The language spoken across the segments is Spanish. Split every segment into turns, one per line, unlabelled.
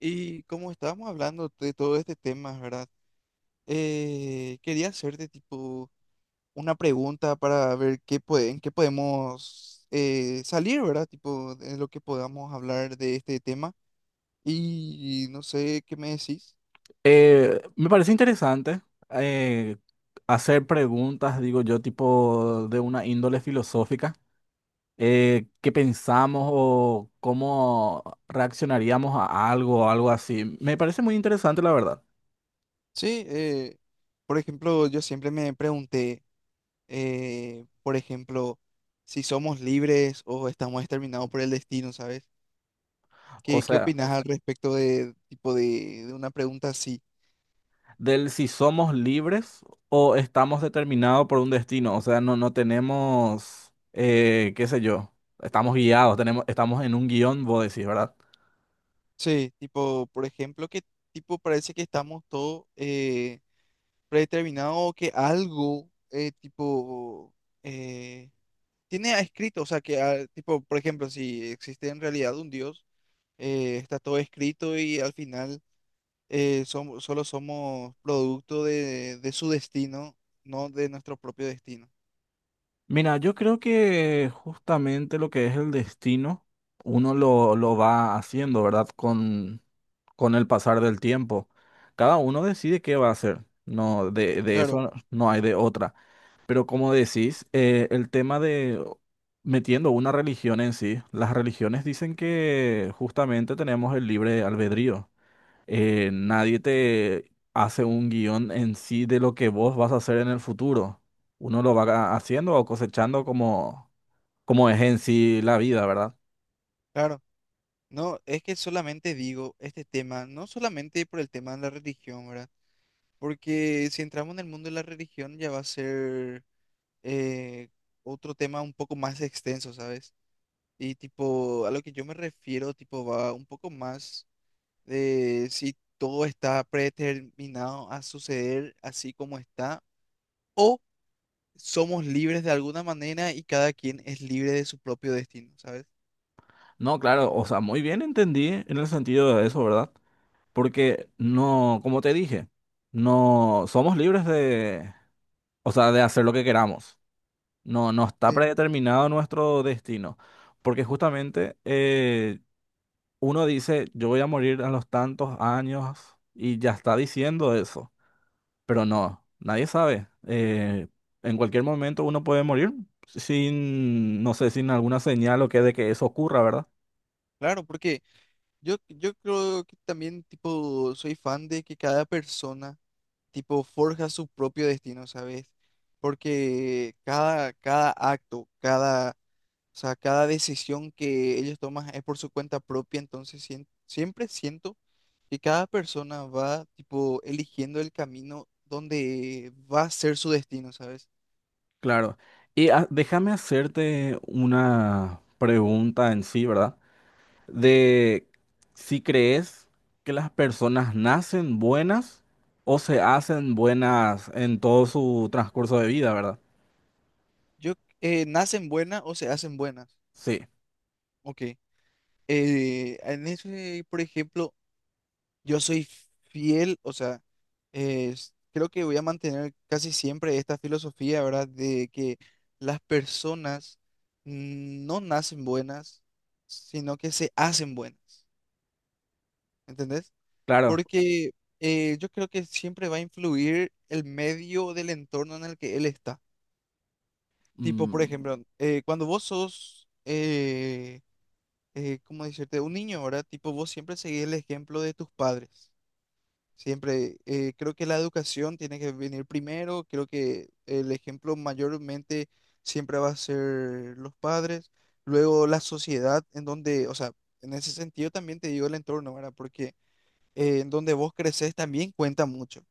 Y como estábamos hablando de todo este tema, ¿verdad? Quería hacerte tipo una pregunta para ver qué puede, en qué podemos salir, ¿verdad? Tipo, de lo que podamos hablar de este tema. Y no sé qué me decís.
Me parece interesante eh, hacer preguntas, digo yo, tipo de una índole filosófica. ¿Qué pensamos o cómo reaccionaríamos a algo o algo así? Me parece muy interesante, la verdad.
Sí, por ejemplo, yo siempre me pregunté, por ejemplo, si somos libres o estamos determinados por el destino, ¿sabes?
O
¿Qué, qué
sea,
opinas al respecto de tipo de una pregunta así?
del si somos libres o estamos determinados por un destino. O sea, no tenemos, qué sé yo, estamos guiados, tenemos, estamos en un guión, vos decís, ¿verdad?
Sí, tipo, por ejemplo, que tipo parece que estamos todos predeterminados o que algo tipo eh, tiene escrito, o sea, que tipo, por ejemplo, si existe en realidad un Dios, está todo escrito y al final somos, solo somos producto de su destino, no de nuestro propio destino.
Mira, yo creo que justamente lo que es el destino, uno lo va haciendo, ¿verdad? Con el pasar del tiempo. Cada uno decide qué va a hacer. No, de
Claro,
eso no hay de otra. Pero como decís, el tema de metiendo una religión en sí, las religiones dicen que justamente tenemos el libre albedrío, nadie te hace un guión en sí de lo que vos vas a hacer en el futuro. Uno lo va haciendo o cosechando como, como es en sí la vida, ¿verdad?
claro. No, es que solamente digo este tema, no solamente por el tema de la religión, ¿verdad? Porque si entramos en el mundo de la religión ya va a ser eh, otro tema un poco más extenso, ¿sabes? Y tipo, a lo que yo me refiero, tipo, va un poco más de si todo está predeterminado a suceder así como está, o somos libres de alguna manera y cada quien es libre de su propio destino, ¿sabes?
No, claro, o sea, muy bien entendí en el sentido de eso, ¿verdad? Porque no, como te dije, no somos libres de, o sea, de hacer lo que queramos. No, no está
Sí,
predeterminado nuestro destino. Porque justamente uno dice, yo voy a morir a los tantos años y ya está diciendo eso, pero no, nadie sabe. En cualquier momento uno puede morir sin, no sé, sin alguna señal o que de que eso ocurra, ¿verdad?
claro, porque yo creo que también, tipo, soy fan de que cada persona tipo, forja su propio destino, ¿sabes? Porque cada acto, cada, o sea, cada decisión que ellos toman es por su cuenta propia, entonces siempre siento que cada persona va, tipo, eligiendo el camino donde va a ser su destino, ¿sabes?
Claro. Y déjame hacerte una pregunta en sí, ¿verdad? De si crees que las personas nacen buenas o se hacen buenas en todo su transcurso de vida, ¿verdad?
Yo, ¿nacen buenas o se hacen buenas?
Sí,
Ok. En ese, por ejemplo, yo soy fiel, o sea, creo que voy a mantener casi siempre esta filosofía, ¿verdad? De que las personas no nacen buenas, sino que se hacen buenas, ¿entendés?
claro.
Porque yo creo que siempre va a influir el medio del entorno en el que él está. Tipo, por
Mm,
ejemplo, cuando vos sos, ¿cómo decirte? Un niño, ¿verdad? Tipo, vos siempre seguís el ejemplo de tus padres. Siempre, creo que la educación tiene que venir primero, creo que el ejemplo mayormente siempre va a ser los padres, luego la sociedad en donde, o sea, en ese sentido también te digo el entorno, ¿verdad? Porque en donde vos creces también cuenta mucho.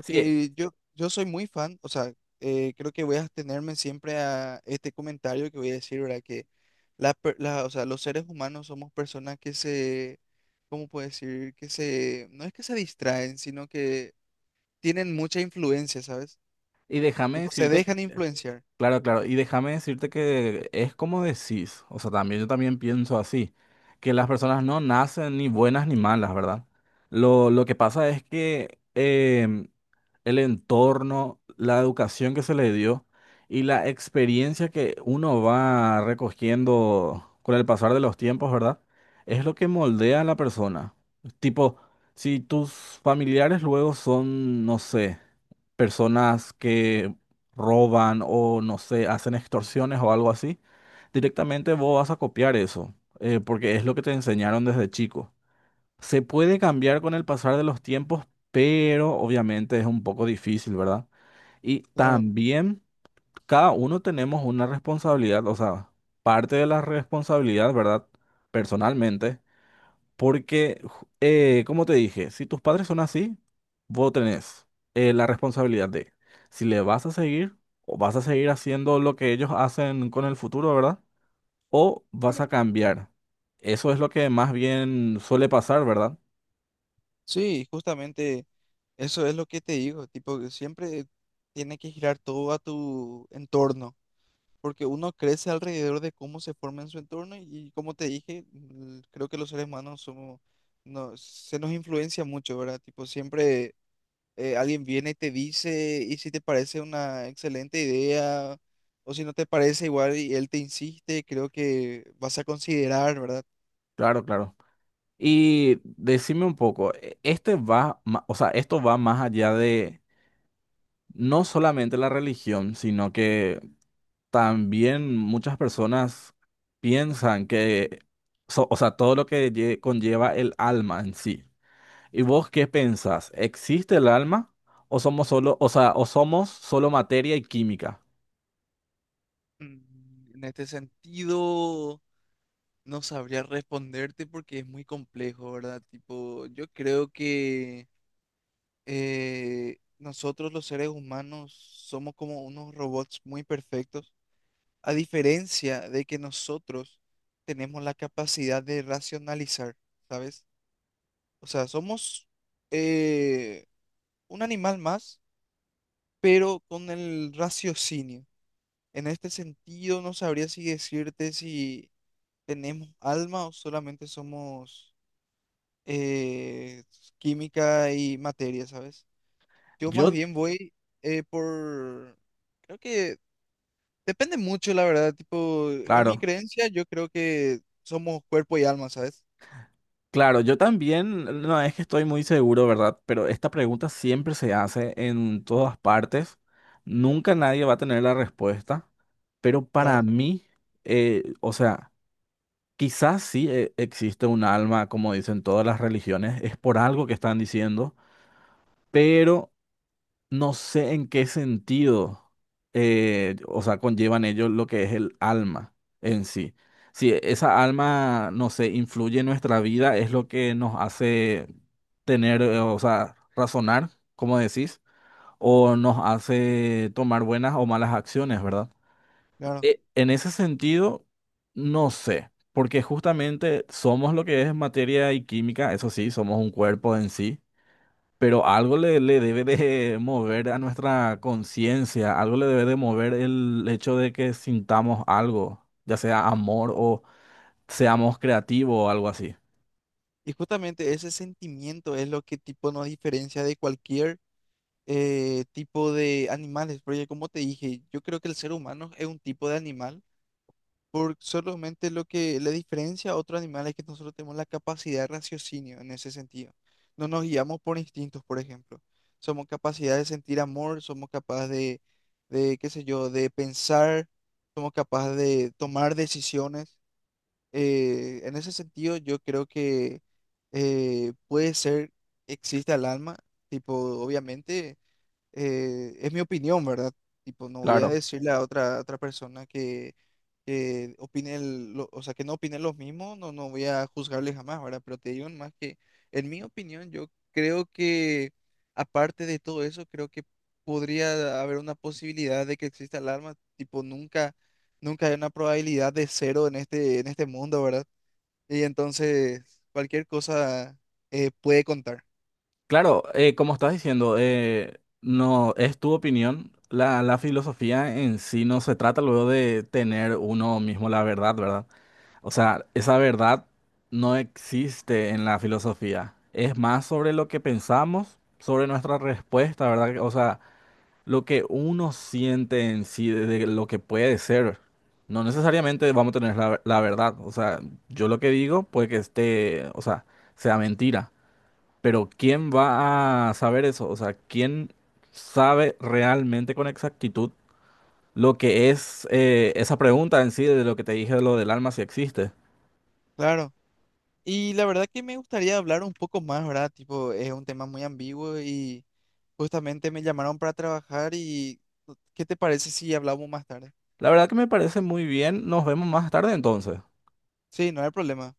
sí,
yo soy muy fan, o sea, creo que voy a abstenerme siempre a este comentario que voy a decir, ¿verdad? Que la, o sea, los seres humanos somos personas que se, ¿cómo puedo decir? Que se, no es que se distraen, sino que tienen mucha influencia, ¿sabes?
y déjame
Tipo, se
decirte,
dejan influenciar.
claro, claro, y déjame decirte que es como decís, o sea, también yo también pienso así, que las personas no nacen ni buenas ni malas, ¿verdad? Lo que pasa es que el entorno, la educación que se le dio y la experiencia que uno va recogiendo con el pasar de los tiempos, ¿verdad? Es lo que moldea a la persona. Tipo, si tus familiares luego son, no sé, personas que roban o no sé, hacen extorsiones o algo así, directamente vos vas a copiar eso, porque es lo que te enseñaron desde chico. Se puede cambiar con el pasar de los tiempos, pero obviamente es un poco difícil, ¿verdad? Y
Claro,
también cada uno tenemos una responsabilidad, o sea, parte de la responsabilidad, ¿verdad? Personalmente porque, como te dije, si tus padres son así, vos tenés la responsabilidad de si le vas a seguir o vas a seguir haciendo lo que ellos hacen con el futuro, ¿verdad? O vas
claro.
a cambiar. Eso es lo que más bien suele pasar, ¿verdad?
Sí, justamente eso es lo que te digo, tipo, que siempre tiene que girar todo a tu entorno. Porque uno crece alrededor de cómo se forma en su entorno y como te dije, creo que los seres humanos somos, no, se nos influencia mucho, ¿verdad? Tipo, siempre alguien viene y te dice y si te parece una excelente idea o si no te parece igual y él te insiste, creo que vas a considerar, ¿verdad?
Claro, claro. Y decime un poco, este va, o sea, esto va más allá de no solamente la religión, sino que también muchas personas piensan que, o sea, todo lo que conlleva el alma en sí. ¿Y vos qué pensás? ¿Existe el alma o somos solo, o sea, o somos solo materia y química?
Mm, en este sentido, no sabría responderte porque es muy complejo, ¿verdad? Tipo, yo creo que nosotros los seres humanos somos como unos robots muy perfectos, a diferencia de que nosotros tenemos la capacidad de racionalizar, ¿sabes? O sea, somos eh, un animal más, pero con el raciocinio. En este sentido, no sabría si decirte si tenemos alma o solamente somos eh, química y materia, ¿sabes? Yo más
Yo,
bien voy por... Creo que depende mucho, la verdad. Tipo, en mi
claro,
creencia yo creo que somos cuerpo y alma, ¿sabes?
claro, yo también, no es que estoy muy seguro, ¿verdad? Pero esta pregunta siempre se hace en todas partes. Nunca nadie va a tener la respuesta. Pero para
Claro,
mí, o sea, quizás sí existe un alma, como dicen todas las religiones, es por algo que están diciendo, pero no sé en qué sentido, o sea, conllevan ellos lo que es el alma en sí. Si esa alma, no sé, influye en nuestra vida, es lo que nos hace tener, o sea, razonar, como decís, o nos hace tomar buenas o malas acciones, ¿verdad?
claro.
En ese sentido, no sé, porque justamente somos lo que es materia y química, eso sí, somos un cuerpo en sí, pero algo le, le debe de mover a nuestra conciencia, algo le debe de mover el hecho de que sintamos algo, ya sea amor o seamos creativos o algo así.
Y justamente ese sentimiento es lo que tipo nos diferencia de cualquier tipo de animales. Porque como te dije, yo creo que el ser humano es un tipo de animal. Por solamente lo que la diferencia a otros animales es que nosotros tenemos la capacidad de raciocinio en ese sentido. No nos guiamos por instintos, por ejemplo. Somos capaces de sentir amor, somos capaces de, qué sé yo, de pensar, somos capaces de tomar decisiones. En ese sentido, yo creo que puede ser, existe el alma, tipo, obviamente es mi opinión, ¿verdad? Tipo, no voy a
Claro,
decirle a otra persona que opine, o sea, que no opine los mismos, no, no voy a juzgarle jamás, ¿verdad? Pero te digo más que, en mi opinión, yo creo que, aparte de todo eso, creo que podría haber una posibilidad de que exista el alma, tipo, nunca, nunca hay una probabilidad de cero en este mundo, ¿verdad? Y entonces, cualquier cosa puede contar.
claro, como estás diciendo, no es tu opinión. La filosofía en sí no se trata luego de tener uno mismo la verdad, ¿verdad? O sea, esa verdad no existe en la filosofía. Es más sobre lo que pensamos, sobre nuestra respuesta, ¿verdad? O sea, lo que uno siente en sí, de lo que puede ser. No necesariamente vamos a tener la verdad. O sea, yo lo que digo puede que esté, o sea, sea mentira. Pero ¿quién va a saber eso? O sea, ¿quién sabe realmente con exactitud lo que es esa pregunta en sí de lo que te dije de lo del alma si existe?
Claro. Y la verdad que me gustaría hablar un poco más, ¿verdad? Tipo, es un tema muy ambiguo y justamente me llamaron para trabajar y ¿qué te parece si hablamos más tarde?
La verdad que me parece muy bien. Nos vemos más tarde entonces.
Sí, no hay problema.